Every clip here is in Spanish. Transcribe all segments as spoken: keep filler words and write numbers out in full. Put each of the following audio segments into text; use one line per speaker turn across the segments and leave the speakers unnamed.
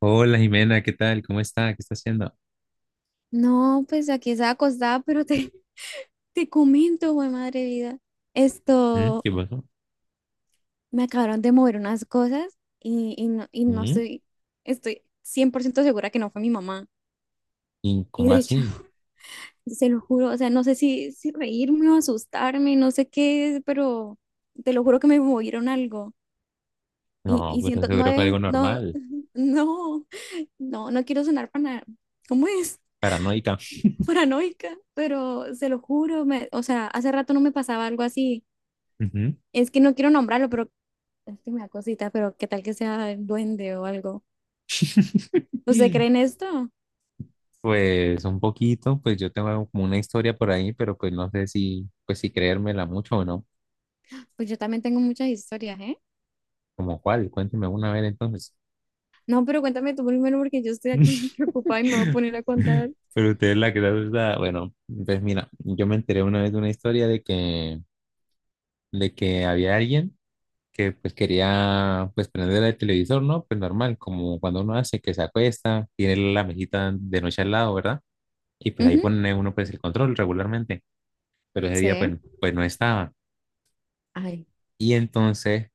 Hola Jimena, ¿qué tal? ¿Cómo está? ¿Qué está haciendo?
No, pues aquí estaba acostada, pero te, te comento, güey, madre vida.
¿Mm?
Esto,
¿Qué pasó?
Me acabaron de mover unas cosas y, y no, y no
¿Mm?
estoy, estoy cien por ciento segura que no fue mi mamá.
¿Y
Y
cómo
de hecho,
así?
se lo juro, o sea, no sé si, si reírme o asustarme, no sé qué es, pero te lo juro que me movieron algo. Y,
No,
y
pero
siento, no
seguro fue
es,
algo
no,
normal,
no, no, no quiero sonar para, ¿cómo es?
paranoica.
Paranoica, pero se lo juro, me, o sea, hace rato no me pasaba algo así.
Ujú.
Es que no quiero nombrarlo, pero es que me da cosita, pero qué tal que sea el duende o algo. ¿Usted cree en esto?
Pues un poquito, pues yo tengo como una historia por ahí, pero pues no sé si, pues si creérmela mucho o no.
Pues yo también tengo muchas historias, ¿eh?
¿Como cuál? Cuénteme una vez entonces.
No, pero cuéntame tú primero porque yo estoy acá preocupada y me voy a poner a contar.
Pero usted es la que está, bueno, pues mira, yo me enteré una vez de una historia de que, de que había alguien que pues quería pues prender el televisor, ¿no? Pues normal, como cuando uno hace que se acuesta, tiene la mesita de noche al lado, ¿verdad? Y pues ahí
Ujú.
pone uno pues el control regularmente, pero ese día
Sí.
pues, pues no estaba.
Ay.
Y entonces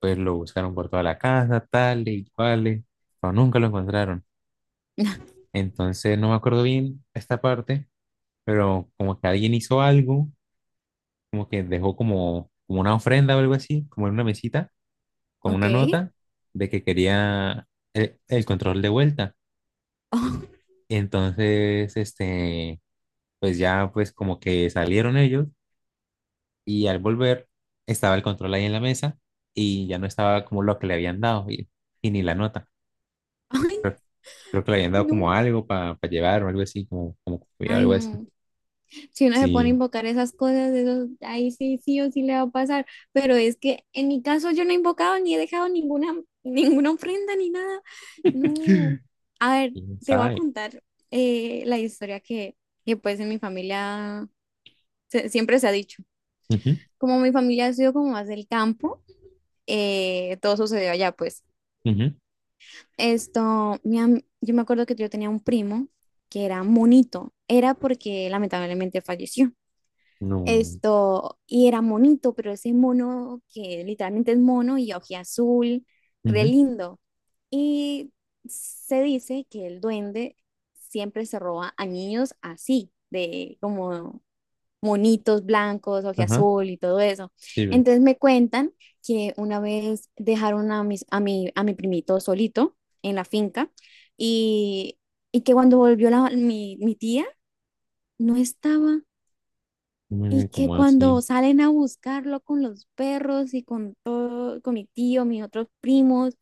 pues lo buscaron por toda la casa, tal y cual, pero nunca lo encontraron. Entonces no me acuerdo bien esta parte, pero como que alguien hizo algo, como que dejó como, como una ofrenda o algo así, como en una mesita con
Ok.
una nota de que quería el, el control de vuelta.
Oh.
Entonces, este, pues ya pues como que salieron ellos y al volver estaba el control ahí en la mesa y ya no estaba como lo que le habían dado y, y ni la nota.
Ay,
Creo, creo que le habían dado como
no.
algo para llevar o algo así, como, como
Ay,
algo así.
no. Si uno se pone a
Sí,
invocar esas cosas, eso, ahí sí, sí o sí le va a pasar. Pero es que en mi caso yo no he invocado ni he dejado ninguna, ninguna ofrenda ni nada. No, a ver,
quién
te voy a
sabe.
contar eh, la historia que, que, pues en mi familia se- siempre se ha dicho.
Ujú,
Como mi familia ha sido como más del campo, eh, todo sucedió allá, pues.
ujú,
Esto, mi am- yo me acuerdo que yo tenía un primo que era monito, era porque lamentablemente falleció.
no,
Esto, y era monito, pero ese mono que literalmente es mono y azul re
ujú,
lindo. Y se dice que el duende siempre se roba a niños así, de como monitos blancos,
ajá,
azul y todo eso.
sí, ve,
Entonces me cuentan que una vez dejaron a, mis, a, mi, a mi primito solito en la finca y, y que cuando volvió la- mi, mi tía, no estaba y
mm,
que
como así,
cuando salen a buscarlo con los perros y con todo, con mi tío, mis otros primos,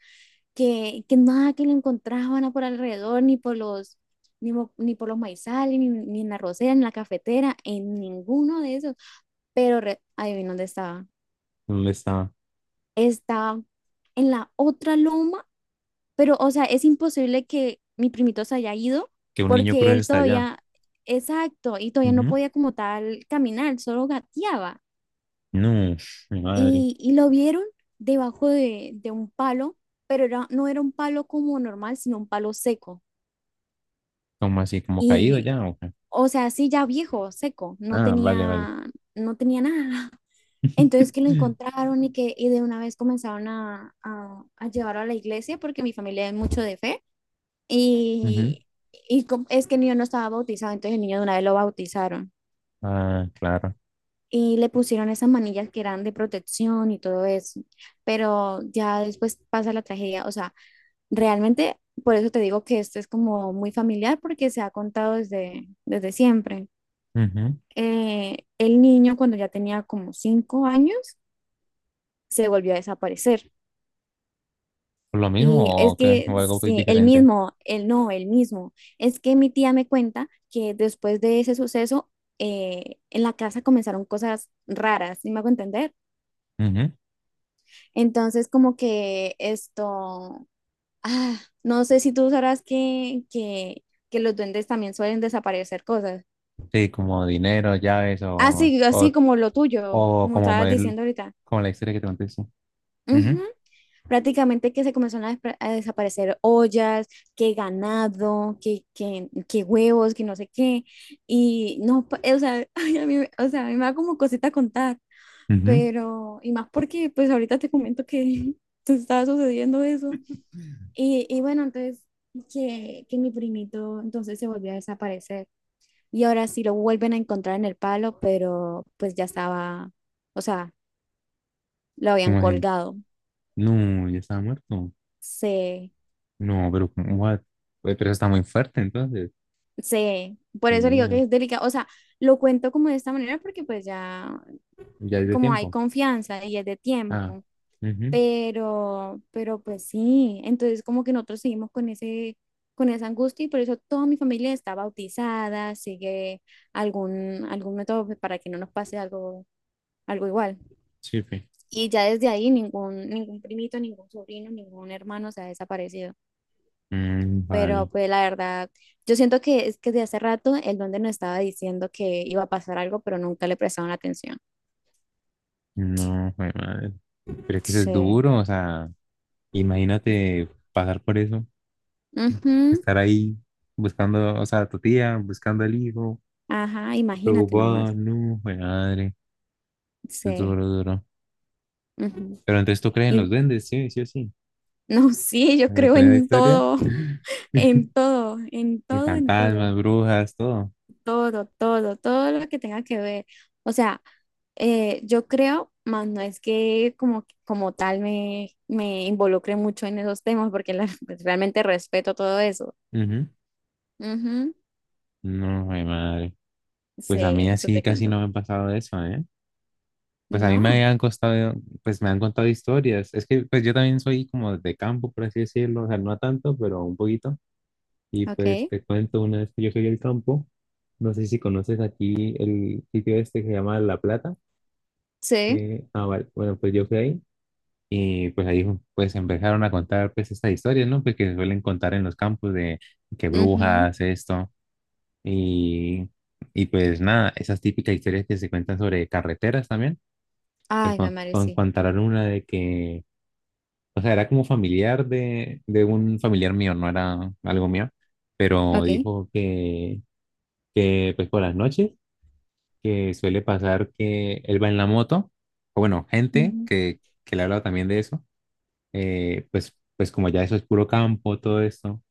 que, que nada que lo encontraban por alrededor, ni por los, ni, mo- ni por los maizales, ni, ni en la rosera, ni en la cafetera, en ninguno de esos. Pero re- adivina dónde estaba.
¿dónde estaba?
Estaba en la otra loma, pero o sea, es imposible que mi primito se haya ido
Que un niño
porque
cruce
él
hasta allá.
todavía, exacto, y todavía no podía como tal caminar, solo gateaba.
No, mi madre.
y, y lo vieron debajo de, de un palo, pero era, no era un palo como normal, sino un palo seco.
¿Cómo así? ¿Como caído
Y,
ya? ¿O qué?
o sea, sí, ya viejo, seco, no
Ah, vale, vale.
tenía, no tenía nada. Entonces que lo encontraron y que y de una vez comenzaron a, a, a llevarlo a la iglesia porque mi familia es mucho de fe
Ujú.
y, y com- es que el niño no estaba bautizado, entonces el niño de una vez lo bautizaron
Ah, claro.
y le pusieron esas manillas que eran de protección y todo eso, pero ya después pasa la tragedia, o sea, realmente, por eso te digo que esto es como muy familiar porque se ha contado desde, desde, siempre.
Ujú.
Eh, el niño cuando ya tenía como cinco años se volvió a desaparecer.
¿Por ¿Lo
Y
mismo
es
o qué?
que,
¿O algo muy
sí, el
diferente?
mismo, el no, el mismo. Es que mi tía me cuenta que después de ese suceso, eh, en la casa comenzaron cosas raras, ¿sí me hago entender?
Ujú.
Entonces, como que esto, ah, no sé si tú sabrás que, que, que los duendes también suelen desaparecer cosas.
Sí, como dinero, llaves o,
Así, así
o,
como lo tuyo,
o
como
como, mo-
estabas
el-
diciendo ahorita.
como la historia que te conté. Sí.
Ujú.
Ujú.
Prácticamente que se comenzaron a, despre- a desaparecer ollas, que ganado, que, que, que huevos, que no sé qué. Y no, pa- o sea, ay, a mí, me- o sea, a mí me da como cosita contar,
Ujú.
pero, y más porque pues ahorita te comento que te estaba sucediendo eso. Y, y bueno, entonces, que, que mi primito entonces se volvió a desaparecer. Y ahora sí lo vuelven a encontrar en el palo, pero pues ya estaba, o sea, lo habían
Como así?
colgado.
No, ya estaba muerto.
Sí,
No, pero ¿cómo what? Pues, pero está muy fuerte entonces.
sí, por
Mi
eso le digo
miedo.
que es delicado. O sea, lo cuento como de esta manera porque pues ya
Ya es de
como hay
tiempo.
confianza y es de
Ah.
tiempo,
Ujú.
pero, pero pues sí, entonces como que nosotros seguimos con ese, con esa angustia y por eso toda mi familia está bautizada, sigue algún, algún método pues, para que no nos pase algo, algo igual.
Sí, pues.
Y ya desde ahí ningún, ningún primito, ningún sobrino, ningún hermano se ha desaparecido.
Mm, vale.
Pero pues la verdad, yo siento que es que de hace rato el donde nos estaba diciendo que iba a pasar algo, pero nunca le prestaron atención.
No, fue madre. Pero es que eso es
Sí.
duro, o sea, imagínate pasar por eso,
Ujú.
estar ahí buscando, o sea, a tu tía, buscando al hijo,
Ajá, imagínate
preocupado,
nomás.
no, jue madre, es
Sí.
duro, duro.
Ujú.
Pero entonces tú crees en
Y
los duendes, sí, sí o sí.
no, sí, yo
¿Vale?
creo
Con esa
en
historia,
todo, en todo, en
y
todo, en todo,
fantasmas, brujas, todo.
todo, todo, todo lo que tenga que ver. O sea, eh, yo creo, más no es que como, como tal me, me involucre mucho en esos temas, porque la- pues, realmente respeto todo eso.
Ujú.
Ujú.
No, jue madre.
Sí,
Pues a mí
eso
así
te
casi
cuento.
no me ha pasado eso, ¿eh? Pues a mí
No,
me han costado, pues me han contado historias. Es que pues yo también soy como de campo, por así decirlo, o sea, no tanto, pero un poquito. Y pues
ok,
te cuento, una vez que yo fui al campo, no sé si conoces aquí el sitio este que se llama La Plata.
sí,
Eh, ah, vale. Bueno, pues yo fui ahí y pues ahí pues empezaron a contar pues estas historias, ¿no? Pues que se suelen contar en los campos de que
ujú.
brujas, esto. Y, y pues nada, esas típicas historias que se cuentan sobre carreteras también, pues
Ay, me
con,
Mari,
con-
sí,
contaron una de que, o sea, era como familiar de, de un familiar mío, no era algo mío, pero
ok.
dijo que que pues por las noches, que suele pasar que él va en la moto, o bueno, gente
Ujú.
que, que le ha hablado también de eso, eh, pues, pues como ya eso es puro campo, todo esto,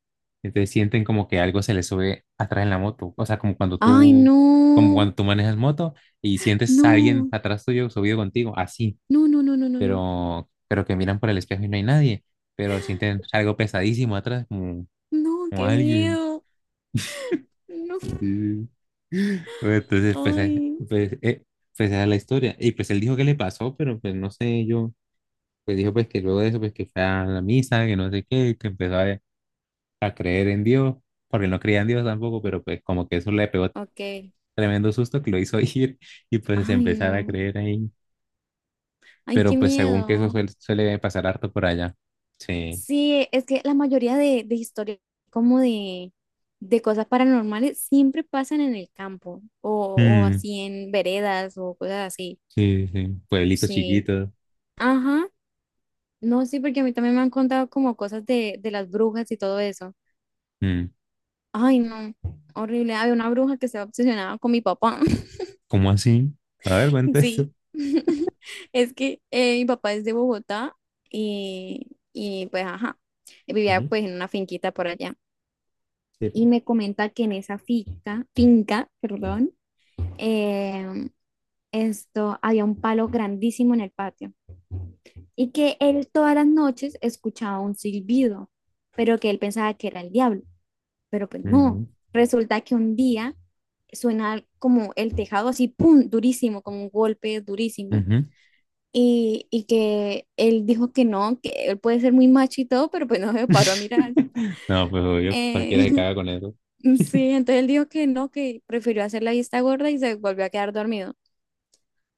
entonces sienten como que algo se les sube atrás en la moto, o sea, como cuando
Ay,
tú,
no,
como cuando tú manejas moto y sientes a alguien
no,
atrás tuyo subido contigo, así,
no, no, no, no, no, no,
pero, pero que miran por el espejo y no hay nadie, pero sienten algo pesadísimo atrás, como,
no,
como
qué
alguien.
miedo. No.
Sí. Bueno, entonces, pues, eh,
Ay.
pues, eh, pues, esa es la historia. Y pues él dijo que le pasó, pero pues no sé, yo, pues dijo pues que luego de eso, pues que fue a la misa, que no sé qué, que empezó a, a creer en Dios, porque él no creía en Dios tampoco, pero pues como que eso le pegó
Ok.
tremendo susto que lo hizo ir y pues
Ay,
empezar a
no,
creer ahí.
ay, qué
Pero pues según que eso
miedo.
suele, suele pasar harto por allá. Sí.
Sí, es que la mayoría de, de historias como de, de cosas paranormales siempre pasan en el campo o, o
Mm,
así en veredas o cosas así.
sí, sí. Pueblitos
Sí,
chiquitos.
ajá. No, sí, porque a mí también me han contado como cosas de, de las brujas y todo eso.
Mm.
Ay, no, horrible. Había una bruja que estaba obsesionada con mi papá.
¿Cómo así? A ver, cuenta eso.
Sí, es que eh, mi papá es de Bogotá y, y pues, ajá, vivía
Ujú.
pues en una finquita por allá.
Sí,
Y
pues.
me comenta que en esa finca, finca, perdón, em, esto, había un palo grandísimo en el patio y que él todas las noches escuchaba un silbido, pero que él pensaba que era el diablo. Pero pues no.
Ujú.
Resulta que un día suena como el tejado así, ¡pum!, durísimo, como un golpe durísimo.
Ujú.
Y, y que él dijo que no, que él puede ser muy macho y todo, pero pues no se paró a mirar.
No, pues obvio,
Eh,
cualquiera se caga con eso.
sí, entonces él dijo que no, que prefirió hacer la vista gorda y se volvió a quedar dormido.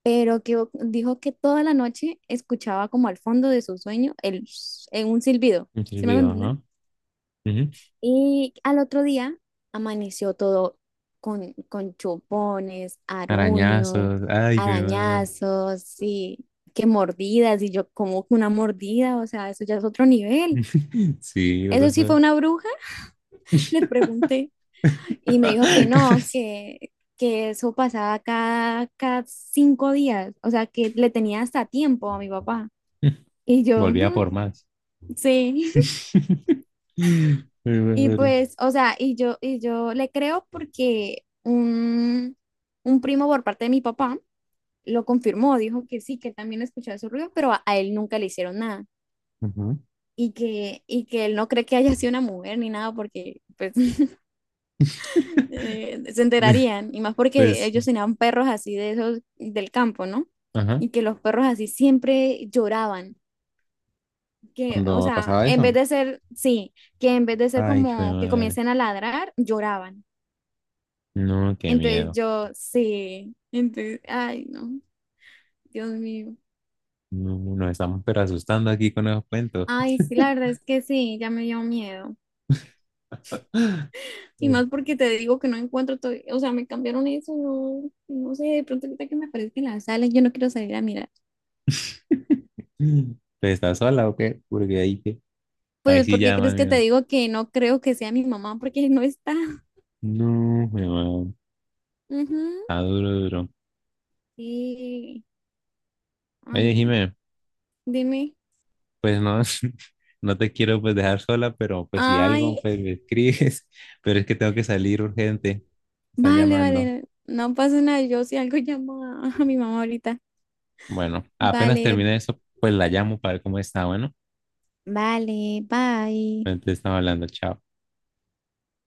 Pero que dijo que toda la noche escuchaba como al fondo de su sueño el, en un silbido.
Muchos
¿Sí me
videos,
entendés?
¿no? Ujú.
Y al otro día amaneció todo con, con chupones, aruños,
Arañazos, ay, qué madre.
arañazos y que mordidas. Y yo, ¿como que una mordida? O sea, eso ya es otro nivel.
Sí, what the
¿Eso sí fue
fuck.
una bruja? Le pregunté. Y me dijo que no,
Caras.
que, que eso pasaba cada, cada cinco días. O sea, que le tenía hasta tiempo a mi papá. Y yo,
Volvía por
"Ujú,
más.
sí."
Ay,
Y
madre.
pues, o sea, y yo, y yo le creo porque un, un primo por parte de mi papá lo confirmó, dijo que sí, que también escuchaba su ruido, pero a, a él nunca le hicieron nada.
Ujú.
Y que, y que él no cree que haya sido una mujer ni nada porque pues eh, se enterarían. Y más porque
Pues,
ellos tenían perros así de esos del campo, ¿no?
ajá,
Y que los perros así siempre lloraban. Que, o
cuando
sea,
pasaba
en vez
eso,
de ser, sí, que en vez de ser
ay, hijo de
como que
madre,
comiencen a ladrar, lloraban.
no, qué
Entonces
miedo.
yo, sí, entonces, ay, no, Dios mío.
No, nos estamos pero asustando aquí con esos cuentos.
Ay, sí, la verdad es que sí, ya me dio miedo.
Sí.
Y más porque te digo que no encuentro todo, o sea, me cambiaron eso, no, no sé, de pronto ahorita que me aparezca en la sala, yo no quiero salir a mirar.
¿Pues estás sola o qué? Porque ahí que ahí
Pues,
sí
¿por qué
ya, más
crees que te
bien.
digo que no creo que sea mi mamá? Porque no está.
No, weón.
Ujú.
Está duro, duro.
Sí, ay,
Oye,
no.
Jimé,
Dime.
pues no, no te quiero pues dejar sola, pero pues si algo,
Ay,
pues me escribes. Pero es que tengo que salir urgente. Me Están
vale,
llamando.
vale, no pasa nada, yo si algo llamo a a mi mamá ahorita.
Bueno, apenas
Vale,
termine eso, pues la llamo para ver cómo está. Bueno,
vale, bye.
entonces estamos hablando. Chao.